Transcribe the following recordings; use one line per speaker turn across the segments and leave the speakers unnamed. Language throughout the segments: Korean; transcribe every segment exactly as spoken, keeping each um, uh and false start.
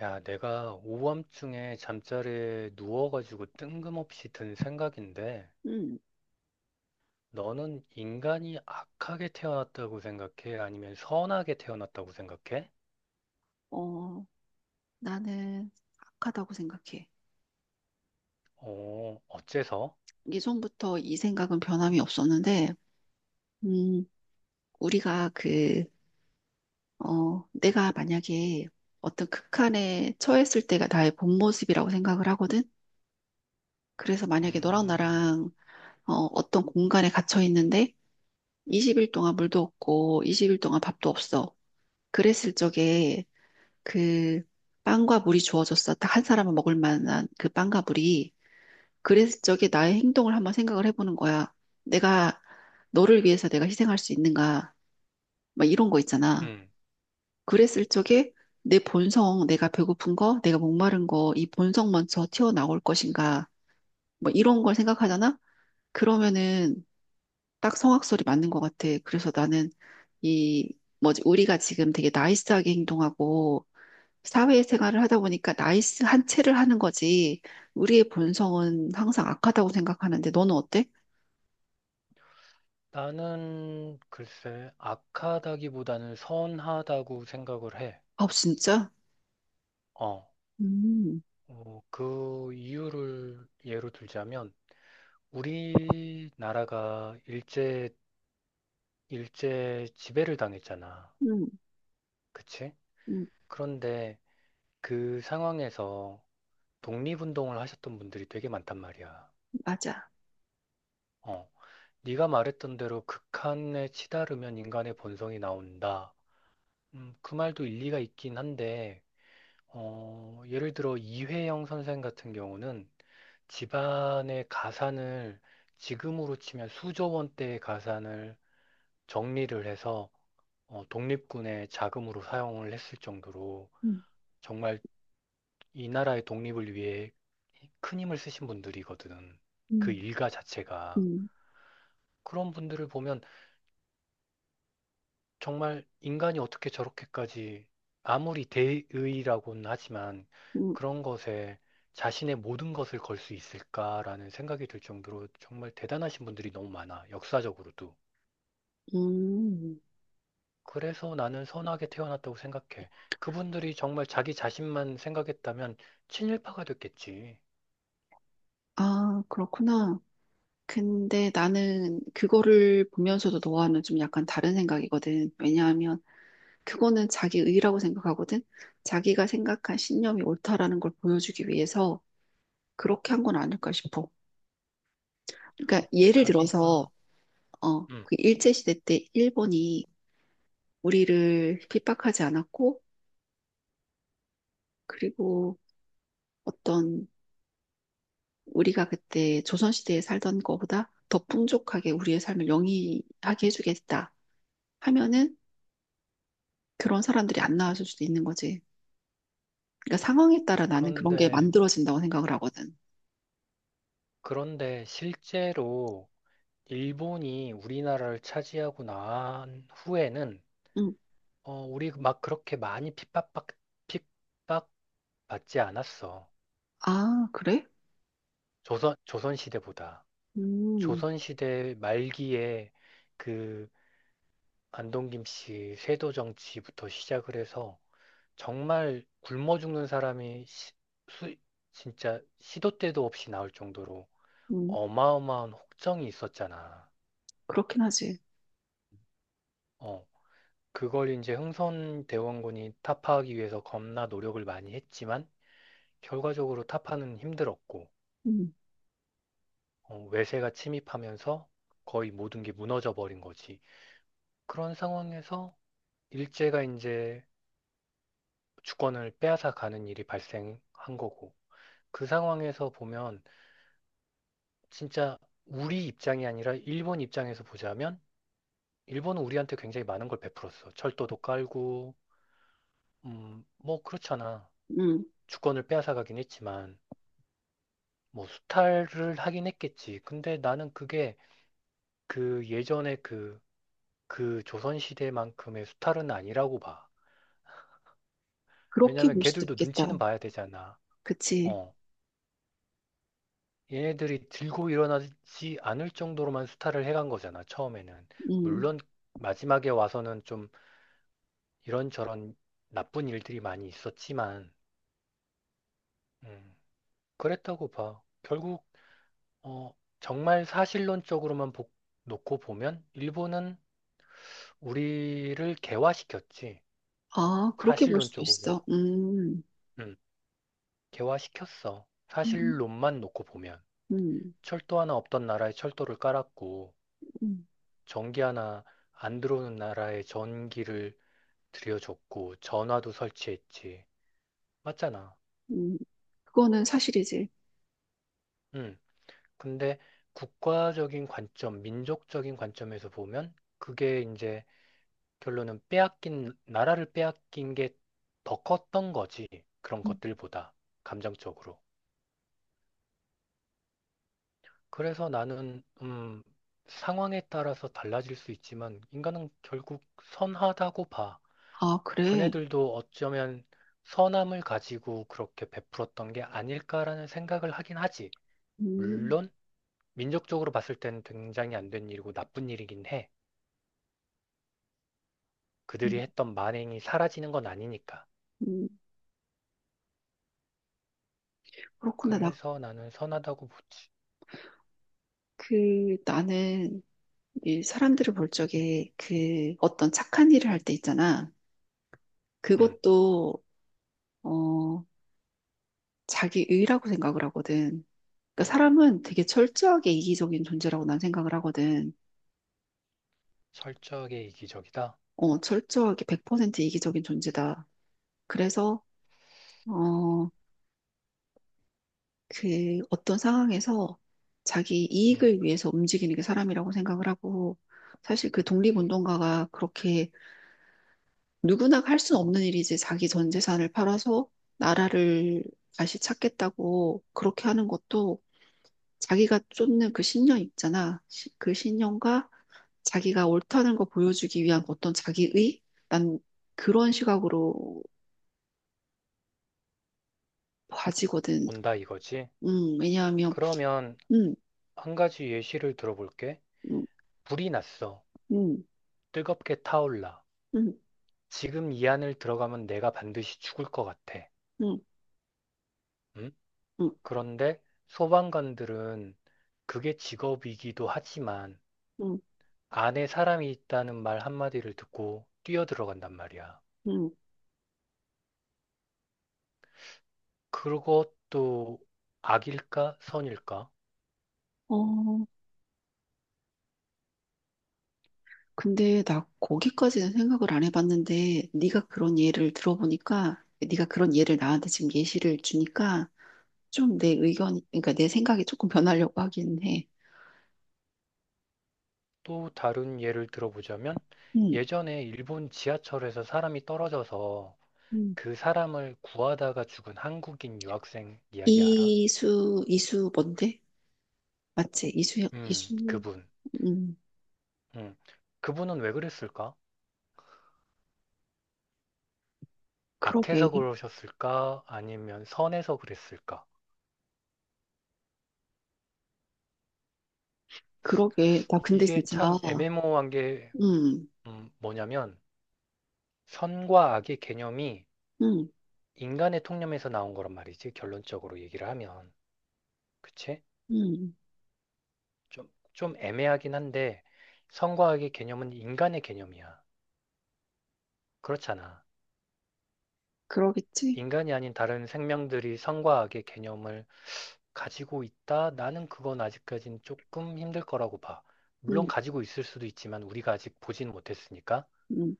야, 내가 오밤중에 잠자리에 누워가지고 뜬금없이 든 생각인데,
음,
너는 인간이 악하게 태어났다고 생각해? 아니면 선하게 태어났다고 생각해?
어, 나는 악하다고 생각해.
어, 어째서?
예전부터 이 생각은 변함이 없었는데, 음, 우리가 그, 어, 내가 만약에 어떤 극한에 처했을 때가 나의 본 모습이라고 생각을 하거든? 그래서 만약에 너랑
음,
나랑 어, 어떤 공간에 갇혀 있는데, 이십 일 동안 물도 없고, 이십 일 동안 밥도 없어. 그랬을 적에 그 빵과 물이 주어졌어. 딱 한 사람은 먹을 만한 그 빵과 물이. 그래서 저게 나의 행동을 한번 생각을 해보는 거야. 내가 너를 위해서 내가 희생할 수 있는가? 막 이런 거 있잖아.
음,
그랬을 적에 내 본성, 내가 배고픈 거, 내가 목마른 거, 이 본성 먼저 튀어나올 것인가? 뭐 이런 걸 생각하잖아? 그러면은 딱 성악설이 맞는 것 같아. 그래서 나는 이 뭐지 우리가 지금 되게 나이스하게 행동하고 사회생활을 하다 보니까 나이스한 채를 하는 거지. 우리의 본성은 항상 악하다고 생각하는데 너는 어때?
나는 글쎄 악하다기보다는 선하다고 생각을 해.
아, 진짜?
어,
음,
어, 그 이유를 예로 들자면 우리나라가 일제 일제 지배를 당했잖아.
음,
그치?
음,
그런데 그 상황에서 독립운동을 하셨던 분들이 되게 많단 말이야.
맞아.
어, 네가 말했던 대로 극한에 치달으면 인간의 본성이 나온다. 음, 그 말도 일리가 있긴 한데, 어, 예를 들어 이회영 선생 같은 경우는 집안의 가산을 지금으로 치면 수조 원대의 가산을 정리를 해서 어, 독립군의 자금으로 사용을 했을 정도로
음,
정말 이 나라의 독립을 위해 큰 힘을 쓰신 분들이거든. 그
음,
일가 자체가.
음,
그런 분들을 보면 정말 인간이 어떻게 저렇게까지 아무리 대의라고는 하지만
음,
그런 것에 자신의 모든 것을 걸 수 있을까라는 생각이 들 정도로 정말 대단하신 분들이 너무 많아. 역사적으로도.
음.
그래서 나는 선하게 태어났다고 생각해. 그분들이 정말 자기 자신만 생각했다면 친일파가 됐겠지.
아, 그렇구나. 근데 나는 그거를 보면서도 너와는 좀 약간 다른 생각이거든. 왜냐하면 그거는 자기 의라고 생각하거든. 자기가 생각한 신념이 옳다라는 걸 보여주기 위해서 그렇게 한 건 아닐까 싶어. 그러니까 예를 들어서,
자기가,
어,
음.
그 일제시대 때 일본이 우리를 핍박하지 않았고, 그리고 어떤 우리가 그때 조선시대에 살던 거보다 더 풍족하게 우리의 삶을 영위하게 해주겠다 하면은 그런 사람들이 안 나왔을 수도 있는 거지. 그러니까 상황에 따라 나는 그런 게
그런데
만들어진다고 생각을 하거든.
그런데 실제로 일본이 우리나라를 차지하고 난 후에는
응.
어, 우리 막 그렇게 많이 핍박받, 핍박받지 않았어.
아, 그래?
조선, 조선시대보다.
음,
조선시대 말기에 그 안동김 씨 세도 정치부터 시작을 해서 정말 굶어 죽는 사람이 시- 수- 진짜 시도 때도 없이 나올 정도로
음,
어마어마한 혹정이 있었잖아.
그렇긴 하지.
어, 그걸 이제 흥선 대원군이 타파하기 위해서 겁나 노력을 많이 했지만 결과적으로 타파는 힘들었고,
음,
어, 외세가 침입하면서 거의 모든 게 무너져 버린 거지. 그런 상황에서 일제가 이제 주권을 빼앗아 가는 일이 발생한 거고, 그 상황에서 보면 진짜 우리 입장이 아니라 일본 입장에서 보자면 일본은 우리한테 굉장히 많은 걸 베풀었어. 철도도 깔고 음, 뭐 그렇잖아.
음,
주권을 빼앗아 가긴 했지만. 뭐 수탈을 하긴 했겠지. 근데 나는 그게 그 예전에 그, 그 조선시대만큼의 수탈은 아니라고 봐.
그렇게
왜냐면
볼 수도
걔들도
있겠다.
눈치는 봐야 되잖아.
그치?
어. 얘네들이 들고 일어나지 않을 정도로만 수탈을 해간 거잖아, 처음에는.
음,
물론 마지막에 와서는 좀 이런저런 나쁜 일들이 많이 있었지만, 음, 그랬다고 봐. 결국, 어, 정말 사실론적으로만 보- 놓고 보면 일본은 우리를 개화시켰지.
아, 그렇게 볼 수도
사실론적으로.
있어. 음,
음, 개화시켰어.
음,
사실론만 놓고 보면.
음,
철도 하나 없던 나라에 철도를 깔았고,
음,
전기 하나 안 들어오는 나라에 전기를 들여줬고, 전화도 설치했지. 맞잖아.
음. 그거는 사실이지.
음, 근데 국가적인 관점, 민족적인 관점에서 보면, 그게 이제 결론은 빼앗긴, 나라를 빼앗긴 게 더 컸던 거지. 그런
음.
것들보다. 감정적으로. 그래서 나는, 음, 상황에 따라서 달라질 수 있지만, 인간은 결국 선하다고 봐.
아, 그래?
그네들도 어쩌면 선함을 가지고 그렇게 베풀었던 게 아닐까라는 생각을 하긴 하지.
음,
물론, 민족적으로 봤을 때는 굉장히 안 된 일이고 나쁜 일이긴 해.
음.
그들이 했던 만행이 사라지는 건 아니니까.
음. 그렇구나. 나,
그래서 나는 선하다고 보지.
그, 나는 이 사람들을 볼 적에 그 어떤 착한 일을 할 때 있잖아.
음,
그것도, 어, 자기 의라고 생각을 하거든. 그러니까 사람은 되게 철저하게 이기적인 존재라고 난 생각을 하거든.
철저하게 이기적이다.
어, 철저하게 백 퍼센트 이기적인 존재다. 그래서, 어, 그 어떤 상황에서 자기
음,
이익을 위해서 움직이는 게 사람이라고 생각을 하고, 사실 그 독립운동가가 그렇게 누구나 할 수 없는 일이지. 자기 전 재산을 팔아서 나라를 다시 찾겠다고 그렇게 하는 것도 자기가 쫓는 그 신념 있잖아. 시- 그 신념과 자기가 옳다는 거 보여주기 위한 어떤 자기의? 난 그런 시각으로 봐지거든.
온다 이거지.
음, 왜냐하면,
그러면
음,
한 가지 예시를 들어볼게.
음,
불이 났어.
음,
뜨겁게 타올라.
음,
지금 이 안을 들어가면 내가 반드시 죽을 것 같아.
음,
응?
음,
그런데 소방관들은 그게 직업이기도 하지만
음,
안에 사람이 있다는 말 한마디를 듣고 뛰어 들어간단 말이야.
음.
그것도 악일까 선일까?
어, 근데 나 거기까지는 생각을 안 해봤는데 네가 그런 예를 들어보니까 네가 그런 예를 나한테 지금 예시를 주니까 좀 내 의견, 그러니까 내 생각이 조금 변하려고 하긴 해.
또 다른 예를 들어보자면
음.
예전에 일본 지하철에서 사람이 떨어져서
음.
그 사람을 구하다가 죽은 한국인 유학생 이야기 알아?
이수, 이수 뭔데? 맞지? 이수,
음,
이수,
그분.
음,
음. 그분은 왜 그랬을까?
그러게,
악해서 그러셨을까? 아니면 선해서 그랬을까?
그러게. 나 근데
이게
진짜,
참 애매모호한 게
음,
음, 뭐냐면 선과 악의 개념이
음,
인간의 통념에서 나온 거란 말이지. 결론적으로 얘기를 하면. 그치?
음,
좀, 좀 애매하긴 한데 선과 악의 개념은 인간의 개념이야. 그렇잖아.
그러겠지?
인간이 아닌 다른 생명들이 선과 악의 개념을 가지고 있다? 나는 그건 아직까진 조금 힘들 거라고 봐. 물론
음,
가지고 있을 수도 있지만 우리가 아직 보진 못했으니까.
음,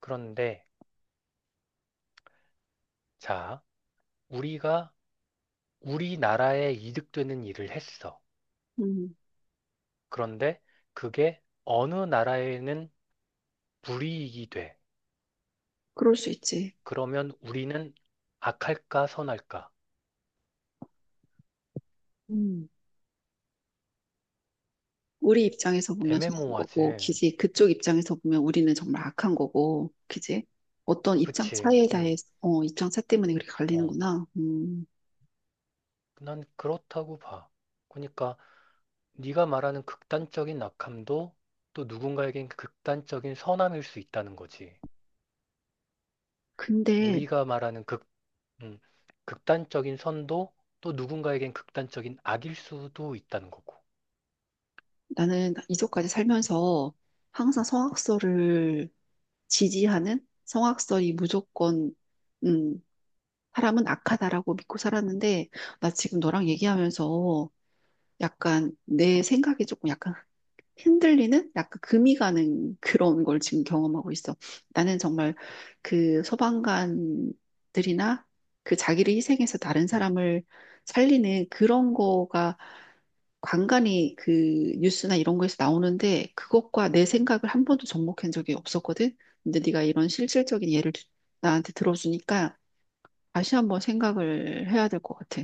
그런데 자, 우리가 우리나라에 이득되는 일을 했어.
음,
그런데 그게 어느 나라에는 불이익이 돼.
그럴 수 있지.
그러면 우리는 악할까 선할까?
음. 우리 입장에서 보면 선한
애매모호하지.
거고, 그지? 그쪽 입장에서 보면 우리는 정말 악한 거고, 그지? 어떤 입장
그치?
차이에
음.
대해, 어, 입장 차 때문에 그렇게
어,
갈리는구나. 음,
난 그렇다고 봐. 그러니까 네가 말하는 극단적인 악함도 또 누군가에겐 극단적인 선함일 수 있다는 거지.
근데
우리가 말하는 극, 음, 극단적인 선도 또 누군가에겐 극단적인 악일 수도 있다는 거고.
나는 이제까지 살면서 항상 성악설을 지지하는 성악설이 무조건, 음, 사람은 악하다라고 믿고 살았는데, 나 지금 너랑 얘기하면서 약간 내 생각이 조금 약간 흔들리는 약간 금이 가는 그런 걸 지금 경험하고 있어. 나는 정말 그 소방관들이나 그 자기를 희생해서 다른
음,
사람을 살리는 그런 거가 간간이 그 뉴스나 이런 거에서 나오는데 그것과 내 생각을 한 번도 접목한 적이 없었거든. 근데 네가 이런 실질적인 예를 주- 나한테 들어주니까 다시 한번 생각을 해야 될 것 같아.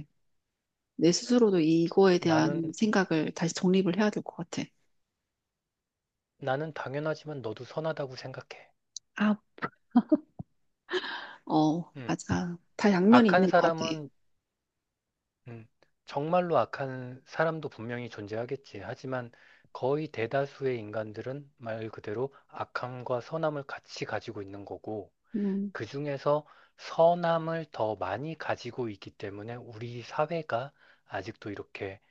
내 스스로도 이거에
나는,
대한 생각을 다시 정립을 해야 될 것 같아.
나는 당연하지만 너도 선하다고 생각해.
아, 어,
음,
맞아. 다 양면이
악한
있는 것 같아.
사람은, 음, 정말로 악한 사람도 분명히 존재하겠지. 하지만 거의 대다수의 인간들은 말 그대로 악함과 선함을 같이 가지고 있는 거고,
음,
그 중에서 선함을 더 많이 가지고 있기 때문에 우리 사회가 아직도 이렇게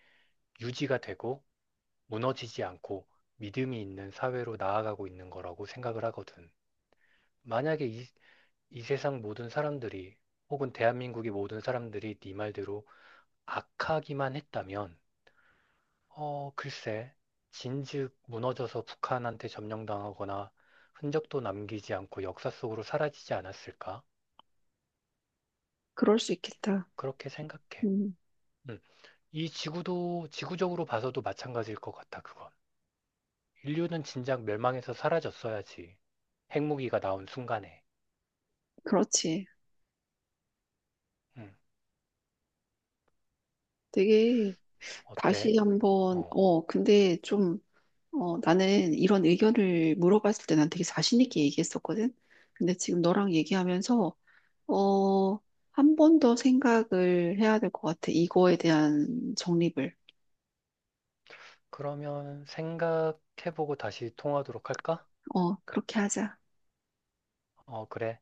유지가 되고 무너지지 않고 믿음이 있는 사회로 나아가고 있는 거라고 생각을 하거든. 만약에 이, 이 세상 모든 사람들이 혹은 대한민국의 모든 사람들이 네 말대로 악하기만 했다면, 어, 글쎄, 진즉 무너져서 북한한테 점령당하거나 흔적도 남기지 않고 역사 속으로 사라지지 않았을까?
그럴 수 있겠다.
그렇게 생각해.
음,
음. 이 지구도 지구적으로 봐서도 마찬가지일 것 같아, 그건. 인류는 진작 멸망해서 사라졌어야지. 핵무기가 나온 순간에.
그렇지.
응,
되게
어때?
다시 한번,
어,
어, 근데 좀, 어, 나는 이런 의견을 물어봤을 때 난 되게 자신 있게 얘기했었거든. 근데 지금 너랑 얘기하면서, 어, 한 번 더 생각을 해야 될 것 같아. 이거에 대한 정립을.
그러면 생각해보고 다시 통화하도록 할까?
어, 그렇게 하자.
어, 그래.